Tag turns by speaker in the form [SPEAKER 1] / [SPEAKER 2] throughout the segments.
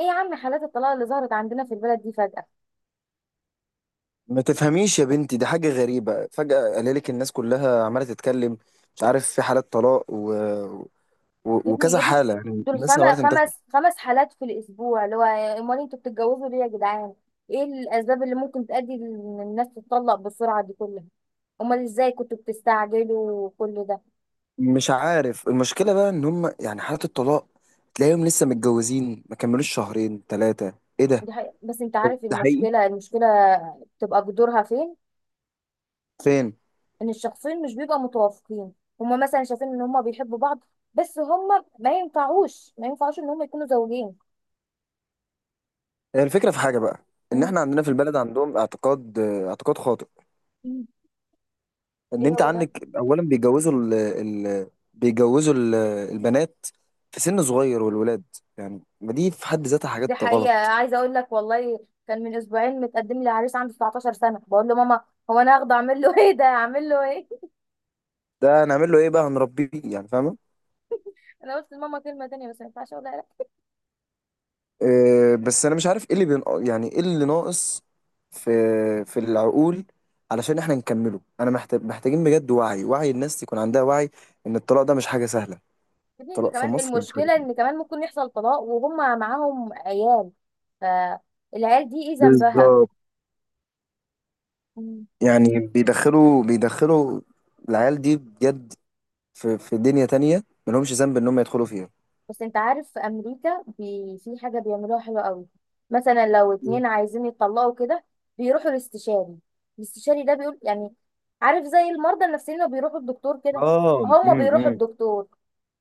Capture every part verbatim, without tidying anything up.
[SPEAKER 1] ايه يا عم، حالات الطلاق اللي ظهرت عندنا في البلد دي فجأة؟
[SPEAKER 2] ما تفهميش يا بنتي، دي حاجة غريبة. فجأة قاللك الناس كلها عمالة تتكلم. مش عارف، في حالات طلاق و... و...
[SPEAKER 1] يا ابني
[SPEAKER 2] وكذا
[SPEAKER 1] يا ابني،
[SPEAKER 2] حالة، يعني
[SPEAKER 1] دول
[SPEAKER 2] الناس
[SPEAKER 1] خم-
[SPEAKER 2] عمالة تنتشر.
[SPEAKER 1] خمس خمس حالات في الاسبوع، اللي هو امال انتوا بتتجوزوا ليه يا جدعان؟ ايه الاسباب اللي ممكن تؤدي ان الناس تتطلق بالسرعة دي كلها؟ امال ازاي كنتوا بتستعجلوا كل ده؟
[SPEAKER 2] مش عارف المشكلة بقى إن هم يعني حالات الطلاق تلاقيهم لسه متجوزين ما كملوش شهرين ثلاثة. إيه ده؟
[SPEAKER 1] دي حقيقة. بس انت عارف
[SPEAKER 2] ده حقيقي؟
[SPEAKER 1] المشكلة المشكلة بتبقى جذورها فين؟
[SPEAKER 2] فين؟
[SPEAKER 1] ان الشخصين مش بيبقوا متوافقين. هما مثلا شايفين ان هما بيحبوا بعض، بس هما ما ينفعوش ما ينفعوش ان هما يكونوا زوجين.
[SPEAKER 2] هي الفكرة في حاجة بقى، إن إحنا عندنا في البلد عندهم اعتقاد اعتقاد خاطئ.
[SPEAKER 1] مم.
[SPEAKER 2] ان
[SPEAKER 1] ايه
[SPEAKER 2] انت
[SPEAKER 1] هو ده.
[SPEAKER 2] عندك اولا بيجوزوا ال ال بيجوزوا ال البنات في سن صغير والولاد. يعني ما دي في حد ذاتها
[SPEAKER 1] دي
[SPEAKER 2] حاجات
[SPEAKER 1] حقيقة،
[SPEAKER 2] غلط.
[SPEAKER 1] عايزة اقول لك، والله كان من اسبوعين متقدم لي عريس عنده 19 سنة، بقول له ماما هو انا هاخده اعمل له ايه ده، اعمل له ايه؟
[SPEAKER 2] ده هنعمل له ايه بقى؟ هنربيه يعني، فاهمه؟
[SPEAKER 1] انا قلت لماما كلمة تانية بس ما ينفعش اقولها، لا.
[SPEAKER 2] أه، بس انا مش عارف ايه اللي بين، يعني ايه اللي ناقص في في العقول علشان احنا نكمله. انا محتاج محتاجين بجد وعي، وعي الناس يكون عندها وعي ان الطلاق ده مش حاجه سهله.
[SPEAKER 1] يا ابني دي
[SPEAKER 2] الطلاق في
[SPEAKER 1] كمان
[SPEAKER 2] مصر مش حاجه
[SPEAKER 1] المشكلة، ان
[SPEAKER 2] سهلة.
[SPEAKER 1] كمان ممكن يحصل طلاق وهم معاهم عيال، فالعيال دي ايه ذنبها؟
[SPEAKER 2] بالظبط.
[SPEAKER 1] مم.
[SPEAKER 2] يعني بيدخلوا بيدخلوا العيال دي بجد في في دنيا تانية ملهمش ذنب ان هم يدخلوا فيها.
[SPEAKER 1] بس انت عارف في امريكا بي... في حاجة بيعملوها حلوة قوي. مثلا لو اتنين عايزين يتطلقوا كده، بيروحوا الاستشاري. الاستشاري ده بيقول يعني، عارف زي المرضى النفسيين اللي بيروحوا الدكتور كده.
[SPEAKER 2] اه،
[SPEAKER 1] هما
[SPEAKER 2] امم
[SPEAKER 1] بيروحوا
[SPEAKER 2] إمم.
[SPEAKER 1] الدكتور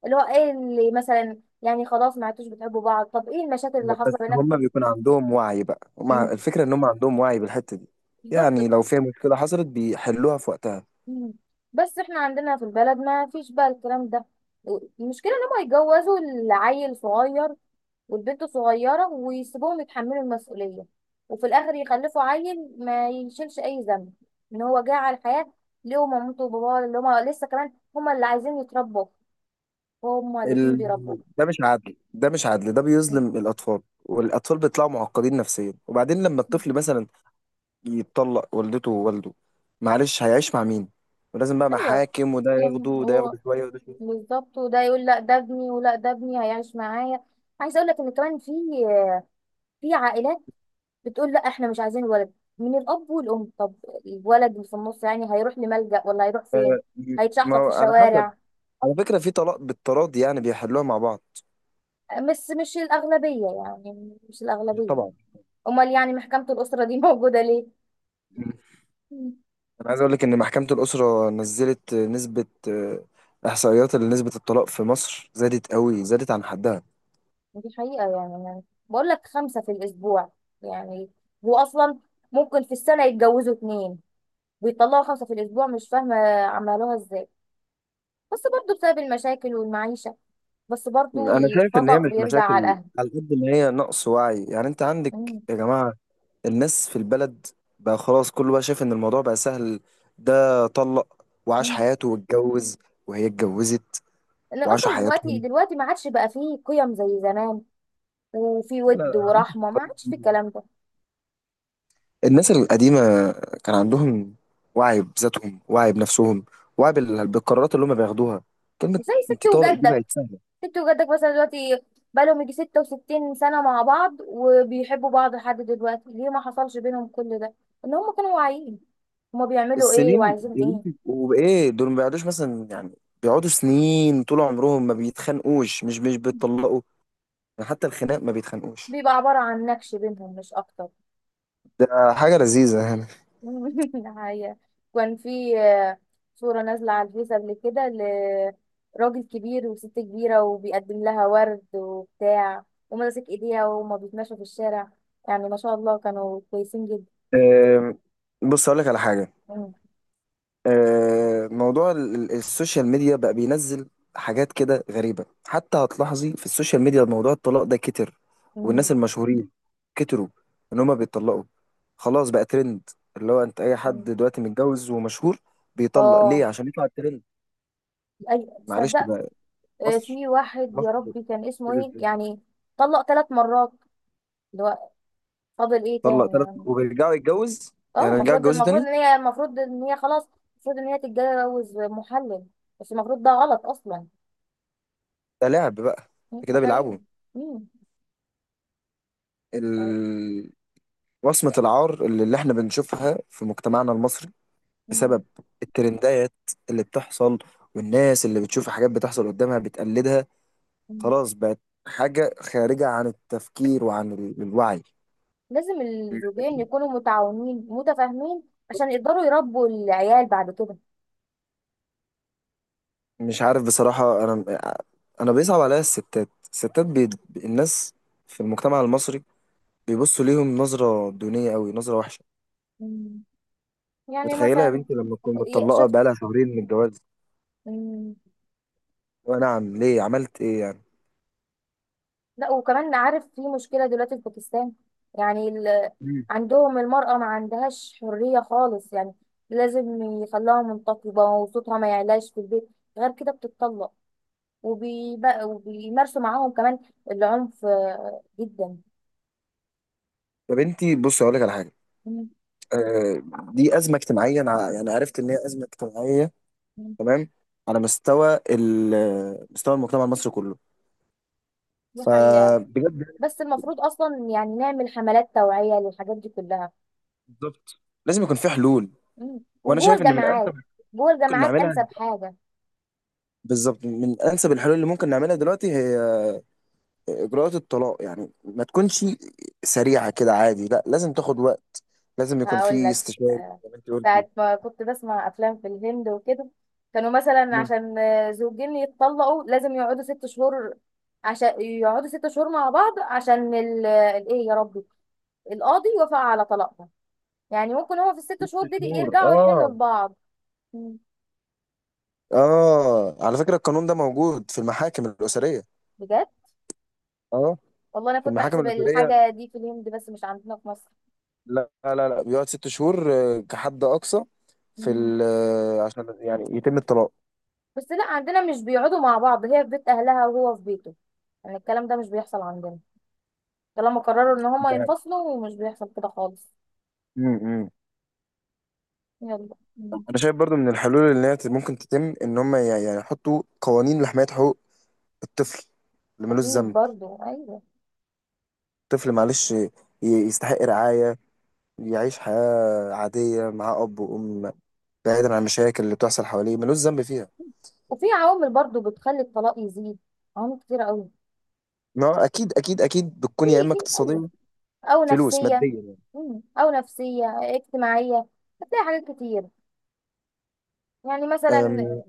[SPEAKER 1] اللي هو ايه اللي مثلا يعني، خلاص ما عدتوش بتحبوا بعض، طب ايه المشاكل اللي
[SPEAKER 2] بس
[SPEAKER 1] حاصله
[SPEAKER 2] هم
[SPEAKER 1] بينكم؟
[SPEAKER 2] بيكون عندهم وعي بقى. هم ع-
[SPEAKER 1] مم.
[SPEAKER 2] الفكرة ان هم عندهم وعي بالحتة دي.
[SPEAKER 1] بالظبط.
[SPEAKER 2] يعني لو في مشكلة حصلت بيحلوها في وقتها.
[SPEAKER 1] مم. بس احنا عندنا في البلد ما فيش بقى الكلام ده. المشكله ان هم يتجوزوا العيل صغير والبنت صغيره، ويسيبوهم يتحملوا المسؤوليه، وفي الاخر يخلفوا عيل ما يشيلش اي ذنب ان هو جه على الحياه، ليه مامته وباباه اللي هم لسه كمان هم اللي عايزين يتربوا، هم الاتنين
[SPEAKER 2] ال...
[SPEAKER 1] بيربوا.
[SPEAKER 2] ده مش عدل، ده مش عدل، ده
[SPEAKER 1] مم.
[SPEAKER 2] بيظلم الأطفال. والأطفال بيطلعوا معقدين نفسيا. وبعدين لما الطفل مثلا يتطلق والدته ووالده، معلش هيعيش مع مين؟ ولازم بقى
[SPEAKER 1] ايوه.
[SPEAKER 2] محاكم، وده ياخده
[SPEAKER 1] كان
[SPEAKER 2] وده
[SPEAKER 1] هو،
[SPEAKER 2] ياخده شوية وده شوية.
[SPEAKER 1] بالظبط. وده يقول لا ده ابني، ولا ده ابني هيعيش معايا. عايزه اقول لك ان كمان في في عائلات بتقول لا احنا مش عايزين ولد من الاب والام. طب الولد اللي في النص يعني هيروح لملجأ ولا هيروح فين؟
[SPEAKER 2] آه، ما
[SPEAKER 1] هيتشحطط في
[SPEAKER 2] هو على حسب.
[SPEAKER 1] الشوارع.
[SPEAKER 2] على فكرة في طلاق بالتراضي، يعني بيحلوها مع بعض.
[SPEAKER 1] بس مش الاغلبيه، يعني مش الاغلبيه.
[SPEAKER 2] طبعا.
[SPEAKER 1] امال يعني محكمه الاسره دي موجوده ليه؟
[SPEAKER 2] مم.
[SPEAKER 1] مم.
[SPEAKER 2] انا عايز اقول لك ان محكمة الأسرة نزلت نسبة، آه، احصائيات لنسبة الطلاق في مصر، زادت قوي، زادت عن حدها.
[SPEAKER 1] دي حقيقه، يعني أنا بقول لك خمسه في الاسبوع. يعني هو اصلا ممكن في السنه يتجوزوا اتنين، بيطلعوا خمسة في الأسبوع، مش فاهمة عملوها ازاي. بس برضو بسبب المشاكل والمعيشة، بس برضو
[SPEAKER 2] انا شايف ان هي
[SPEAKER 1] الخطأ
[SPEAKER 2] مش
[SPEAKER 1] بيرجع على
[SPEAKER 2] مشاكل
[SPEAKER 1] الأهل.
[SPEAKER 2] على قد ما هي نقص وعي. يعني انت عندك
[SPEAKER 1] مم.
[SPEAKER 2] يا جماعة، الناس في البلد بقى خلاص، كله بقى شايف ان الموضوع بقى سهل. ده طلق وعاش
[SPEAKER 1] مم.
[SPEAKER 2] حياته واتجوز، وهي اتجوزت
[SPEAKER 1] إن
[SPEAKER 2] وعاشوا
[SPEAKER 1] أصلا دلوقتي
[SPEAKER 2] حياتهم.
[SPEAKER 1] دلوقتي ما عادش بقى فيه قيم زي زمان، وفي
[SPEAKER 2] لا لا لا،
[SPEAKER 1] ود
[SPEAKER 2] عندكم في
[SPEAKER 1] ورحمة ما
[SPEAKER 2] القريب
[SPEAKER 1] عادش في الكلام ده.
[SPEAKER 2] الناس القديمة كان عندهم وعي بذاتهم، وعي بنفسهم، وعي بال- بالقرارات اللي هم بياخدوها. كلمة
[SPEAKER 1] زي ست
[SPEAKER 2] انت طالق دي
[SPEAKER 1] وجدك،
[SPEAKER 2] بقت سهلة.
[SPEAKER 1] ست وجدك مثلا دلوقتي بقالهم يجي 66 سنة مع بعض، وبيحبوا بعض لحد دلوقتي. ليه ما حصلش بينهم كل ده؟ إن هم كانوا واعيين هما بيعملوا ايه
[SPEAKER 2] السنين
[SPEAKER 1] وعايزين
[SPEAKER 2] يا بنتي،
[SPEAKER 1] ايه.
[SPEAKER 2] وبايه دول ما بيقعدوش مثلا، يعني بيقعدوا سنين طول عمرهم ما بيتخانقوش، مش مش بيتطلقوا. يعني حتى الخناق ما بيتخانقوش.
[SPEAKER 1] بيبقى عبارة عن نكش بينهم مش أكتر.
[SPEAKER 2] ده حاجة لذيذة يعني.
[SPEAKER 1] الحقيقة كان في آه، صورة نازلة على الفيس قبل كده، لراجل كبير وست كبيرة، وبيقدم لها ورد وبتاع، وماسك ايديها وهما بيتمشوا في الشارع. يعني ما شاء الله كانوا كويسين جدا.
[SPEAKER 2] أم، بص أقول لك على حاجة.
[SPEAKER 1] مم.
[SPEAKER 2] آه، موضوع ال- ال- السوشيال ميديا بقى بينزل حاجات كده غريبة. حتى هتلاحظي في السوشيال ميديا موضوع الطلاق ده كتر. والناس
[SPEAKER 1] مم.
[SPEAKER 2] المشهورين كتروا ان هما بيتطلقوا. خلاص بقى ترند، اللي هو انت اي حد
[SPEAKER 1] مم.
[SPEAKER 2] دلوقتي متجوز ومشهور بيطلق ليه
[SPEAKER 1] اه،
[SPEAKER 2] عشان يطلع الترند.
[SPEAKER 1] اي
[SPEAKER 2] معلش
[SPEAKER 1] تصدق.
[SPEAKER 2] بقى.
[SPEAKER 1] آه،
[SPEAKER 2] مصر،
[SPEAKER 1] في واحد
[SPEAKER 2] مصر،
[SPEAKER 1] يا ربي كان اسمه
[SPEAKER 2] كده
[SPEAKER 1] ايه
[SPEAKER 2] ازاي؟
[SPEAKER 1] يعني، طلق تلات مرات. اللي هو فاضل ايه
[SPEAKER 2] طلق
[SPEAKER 1] تاني
[SPEAKER 2] ثلاث
[SPEAKER 1] يعني؟
[SPEAKER 2] وبيرجعوا يتجوز،
[SPEAKER 1] اه،
[SPEAKER 2] يعني يرجعوا
[SPEAKER 1] المفروض
[SPEAKER 2] يتجوزوا
[SPEAKER 1] المفروض
[SPEAKER 2] تاني.
[SPEAKER 1] ان هي، المفروض ان هي خلاص، المفروض ان هي تتجوز محلل، بس المفروض ده غلط اصلا.
[SPEAKER 2] ده لعب بقى،
[SPEAKER 1] ده
[SPEAKER 2] كده
[SPEAKER 1] حقيقي.
[SPEAKER 2] بيلعبوا.
[SPEAKER 1] مم. طيب.
[SPEAKER 2] ال... وصمة العار اللي اللي احنا بنشوفها في مجتمعنا المصري
[SPEAKER 1] مم.
[SPEAKER 2] بسبب الترندات اللي بتحصل، والناس اللي بتشوف حاجات بتحصل قدامها بتقلدها.
[SPEAKER 1] مم.
[SPEAKER 2] خلاص بقت حاجة خارجة عن التفكير وعن ال- الوعي.
[SPEAKER 1] لازم الزوجين يكونوا متعاونين متفاهمين عشان يقدروا يربوا العيال بعد كده.
[SPEAKER 2] مش عارف بصراحة. أنا أنا بيصعب عليا الستات، الستات بي... الناس في المجتمع المصري بيبصوا ليهم نظرة دونية أوي، نظرة وحشة.
[SPEAKER 1] مم. يعني
[SPEAKER 2] متخيلة يا
[SPEAKER 1] مثلا،
[SPEAKER 2] بنتي لما تكون
[SPEAKER 1] ي-
[SPEAKER 2] متطلقة
[SPEAKER 1] شفت.
[SPEAKER 2] بقالها شهرين من الجواز؟
[SPEAKER 1] مم.
[SPEAKER 2] أه نعم، ليه، عملت إيه يعني؟
[SPEAKER 1] لا وكمان عارف في مشكلة دلوقتي في باكستان. يعني ال...
[SPEAKER 2] مم.
[SPEAKER 1] عندهم المرأة ما عندهاش حرية خالص. يعني لازم يخلوها منتقبة وصوتها ما يعلاش في البيت، غير كده بتتطلق. وبيبقى وبيمارسوا معاهم كمان العنف آه، جدا.
[SPEAKER 2] يا بنتي بصي أقول لك على حاجة. آه، دي أزمة اجتماعية. أنا ع- يعني عرفت إن هي أزمة اجتماعية،
[SPEAKER 1] مم.
[SPEAKER 2] تمام، على مستوى ال- مستوى المجتمع المصري كله.
[SPEAKER 1] دي حقيقة.
[SPEAKER 2] فبجد.
[SPEAKER 1] بس المفروض أصلا يعني نعمل حملات توعية للحاجات دي كلها.
[SPEAKER 2] بالظبط، لازم يكون في حلول.
[SPEAKER 1] مم.
[SPEAKER 2] وانا
[SPEAKER 1] وجوه
[SPEAKER 2] شايف ان من انسب
[SPEAKER 1] الجامعات،
[SPEAKER 2] اللي
[SPEAKER 1] جوه
[SPEAKER 2] ممكن
[SPEAKER 1] الجامعات
[SPEAKER 2] نعملها،
[SPEAKER 1] أنسب حاجة.
[SPEAKER 2] بالظبط، من انسب الحلول اللي ممكن نعملها دلوقتي هي اجراءات الطلاق. يعني ما تكونش سريعه كده عادي، لا لازم تاخد وقت، لازم يكون
[SPEAKER 1] هقول
[SPEAKER 2] في
[SPEAKER 1] لك،
[SPEAKER 2] استشاري
[SPEAKER 1] آه،
[SPEAKER 2] زي ما انت قلتي.
[SPEAKER 1] ساعة ما كنت بسمع أفلام في الهند وكده، كانوا مثلا
[SPEAKER 2] مم.
[SPEAKER 1] عشان آه، زوجين يتطلقوا لازم يقعدوا ست شهور. عشان يقعدوا ست شهور مع بعض عشان ال- الإيه يا ربي، القاضي يوافق على طلاقهم. يعني ممكن هو في الست
[SPEAKER 2] ست
[SPEAKER 1] شهور دي
[SPEAKER 2] شهور
[SPEAKER 1] يرجعوا يحلوا
[SPEAKER 2] اه.
[SPEAKER 1] لبعض. مم.
[SPEAKER 2] اه على فكره القانون ده موجود في المحاكم الاسريه.
[SPEAKER 1] بجد،
[SPEAKER 2] اه،
[SPEAKER 1] والله أنا
[SPEAKER 2] في
[SPEAKER 1] كنت
[SPEAKER 2] المحاكم
[SPEAKER 1] أحسب
[SPEAKER 2] الاسريه.
[SPEAKER 1] الحاجة دي في الهند بس مش عندنا في
[SPEAKER 2] لا لا لا، بيقعد ست شهور آه، كحد أقصى في
[SPEAKER 1] مصر.
[SPEAKER 2] ال آه، عشان يعني يتم الطلاق.
[SPEAKER 1] بس لا عندنا مش بيقعدوا مع بعض، هي في بيت اهلها وهو في بيته. يعني الكلام ده مش بيحصل عندنا، طالما قرروا ان هما
[SPEAKER 2] ده
[SPEAKER 1] ينفصلوا ومش بيحصل كده خالص.
[SPEAKER 2] امم.
[SPEAKER 1] يلا. مم.
[SPEAKER 2] أنا شايف برضو من الحلول اللي هي ممكن تتم إن هم ي- يعني يحطوا قوانين لحماية حقوق الطفل اللي ملوش
[SPEAKER 1] اكيد
[SPEAKER 2] ذنب.
[SPEAKER 1] برضو ايوه.
[SPEAKER 2] الطفل معلش ي- يستحق رعاية، يعيش حياة عادية مع أب وأم، بعيدا عن المشاكل اللي بتحصل حواليه ملوش ذنب فيها.
[SPEAKER 1] وفي عوامل برضو بتخلي الطلاق يزيد، عوامل كتيرة قوي.
[SPEAKER 2] ما هو أكيد أكيد أكيد
[SPEAKER 1] في
[SPEAKER 2] بتكون يا إما
[SPEAKER 1] في ايوه،
[SPEAKER 2] اقتصادية،
[SPEAKER 1] او
[SPEAKER 2] فلوس
[SPEAKER 1] نفسيه.
[SPEAKER 2] مادية يعني.
[SPEAKER 1] مم. او نفسيه، اجتماعيه، هتلاقي حاجات كتير. يعني مثلا
[SPEAKER 2] أم،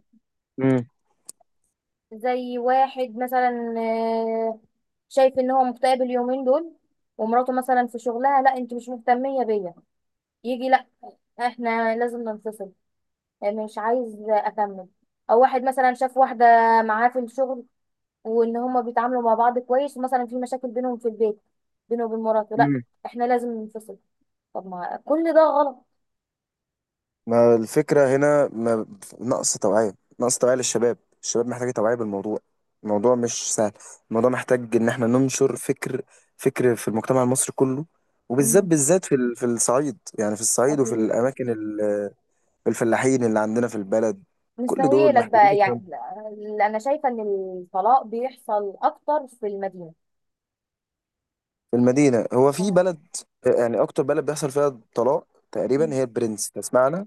[SPEAKER 1] زي واحد مثلا آه، شايف ان هو مكتئب اليومين دول، ومراته مثلا في شغلها، لا انت مش مهتميه بيا، يجي احنا لازم ننفصل، يعني مش عايز اكمل. او واحد مثلا شاف واحده معاه في الشغل، وان هما بيتعاملوا مع بعض كويس، ومثلا في مشاكل بينهم في البيت، بينه وبين مراته، لا
[SPEAKER 2] مم.
[SPEAKER 1] احنا لازم ننفصل. طب ما كل ده غلط.
[SPEAKER 2] ما الفكرة هنا، ما نقص توعية، نقص توعية للشباب. الشباب محتاجة توعية بالموضوع. الموضوع مش سهل. الموضوع محتاج إن احنا ننشر فكر، فكر في المجتمع المصري كله. وبالذات
[SPEAKER 1] مم.
[SPEAKER 2] بالذات في ال- في الصعيد، يعني في الصعيد وفي
[SPEAKER 1] اكيد.
[SPEAKER 2] الأماكن ال- الفلاحين اللي عندنا في البلد، كل دول
[SPEAKER 1] مستهيئلك
[SPEAKER 2] محتاجين
[SPEAKER 1] بقى
[SPEAKER 2] يفهموا.
[SPEAKER 1] يعني، لا، انا شايفه ان الطلاق بيحصل اكتر في المدينه.
[SPEAKER 2] في المدينة هو في
[SPEAKER 1] آه.
[SPEAKER 2] بلد، يعني أكتر بلد بيحصل فيها طلاق تقريبا هي البرنس، تسمعنا؟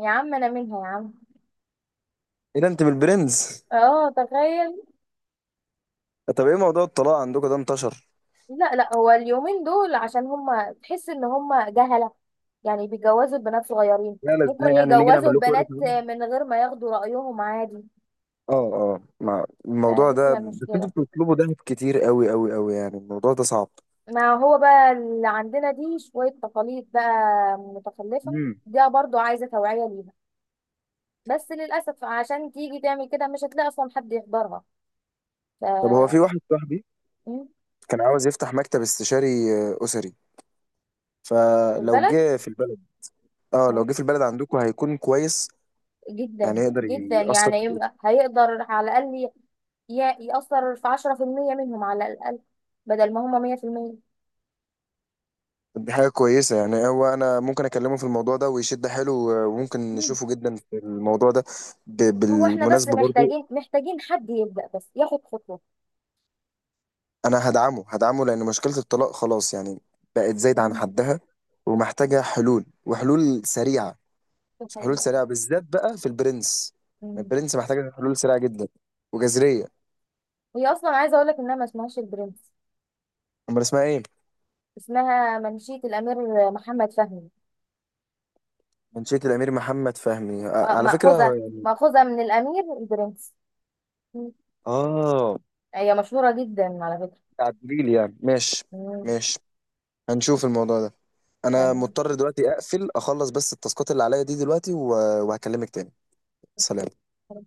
[SPEAKER 1] يا عم انا منها يا عم.
[SPEAKER 2] إيه ده، أنت من البرنس؟
[SPEAKER 1] اه تخيل.
[SPEAKER 2] طب إيه موضوع الطلاق عندكم ده انتشر؟
[SPEAKER 1] لا لا، هو اليومين دول عشان هما تحس ان هما جهلة، يعني بيجوزوا البنات صغيرين.
[SPEAKER 2] لا لا، ازاي
[SPEAKER 1] ممكن
[SPEAKER 2] يعني نيجي
[SPEAKER 1] يجوزوا
[SPEAKER 2] نعمل لكم؟
[SPEAKER 1] البنات من غير ما ياخدوا رأيهم عادي،
[SPEAKER 2] اه اه، ما الموضوع
[SPEAKER 1] فدي
[SPEAKER 2] ده
[SPEAKER 1] بتبقى
[SPEAKER 2] بس
[SPEAKER 1] المشكلة.
[SPEAKER 2] انتوا بتطلبوا دهب كتير، قوي قوي قوي، يعني الموضوع ده صعب.
[SPEAKER 1] ما هو بقى اللي عندنا دي شوية تقاليد بقى متخلفة،
[SPEAKER 2] امم.
[SPEAKER 1] دي برضو عايزة توعية ليها. بس للأسف عشان تيجي تعمل كده مش هتلاقي أصلا حد يحضرها. ف،
[SPEAKER 2] طب هو في واحد صاحبي
[SPEAKER 1] م،
[SPEAKER 2] كان عاوز يفتح مكتب استشاري آه، أسري.
[SPEAKER 1] في
[SPEAKER 2] فلو
[SPEAKER 1] البلد،
[SPEAKER 2] جه في البلد، اه لو جه في البلد عندكم هيكون كويس يعني،
[SPEAKER 1] جدا
[SPEAKER 2] يقدر
[SPEAKER 1] جدا
[SPEAKER 2] يأثر
[SPEAKER 1] يعني،
[SPEAKER 2] في
[SPEAKER 1] يم-
[SPEAKER 2] الإيه.
[SPEAKER 1] هيقدر على الأقل ي- ي- يأثر في عشرة في المية منهم على الأقل، بدل ما هما مية في المية.
[SPEAKER 2] دي حاجة كويسة يعني. هو أنا ممكن أكلمه في الموضوع ده ويشد حيله. آه، وممكن
[SPEAKER 1] مم.
[SPEAKER 2] نشوفه جدا في الموضوع ده. ب-
[SPEAKER 1] هو احنا بس
[SPEAKER 2] بالمناسبة برضو،
[SPEAKER 1] محتاجين محتاجين حد يبدأ بس ياخد خطوة.
[SPEAKER 2] انا هدعمه هدعمه لان مشكله الطلاق خلاص يعني بقت زايده عن
[SPEAKER 1] مم.
[SPEAKER 2] حدها، ومحتاجه حلول، وحلول سريعه،
[SPEAKER 1] دي
[SPEAKER 2] حلول
[SPEAKER 1] حقيقة.
[SPEAKER 2] سريعه بالذات بقى في البرنس.
[SPEAKER 1] مم.
[SPEAKER 2] البرنس محتاجه حلول سريعه جدا وجذريه.
[SPEAKER 1] هي أصلا عايزة أقولك إنها ما اسمهاش البرنس،
[SPEAKER 2] امال اسمها ايه؟
[SPEAKER 1] اسمها منشية الأمير محمد فهمي.
[SPEAKER 2] منشيه الامير محمد فهمي، آه،
[SPEAKER 1] آه،
[SPEAKER 2] على فكره.
[SPEAKER 1] مأخوذة مأخوذة من الأمير البرنس. مم.
[SPEAKER 2] اه،
[SPEAKER 1] هي مشهورة جدا على فكرة.
[SPEAKER 2] تعديل يعني. ماشي،
[SPEAKER 1] مم.
[SPEAKER 2] ماشي، هنشوف الموضوع ده. انا
[SPEAKER 1] تمام.
[SPEAKER 2] مضطر دلوقتي اقفل اخلص بس التاسكات اللي عليا دي دلوقتي و- وهكلمك تاني. سلام.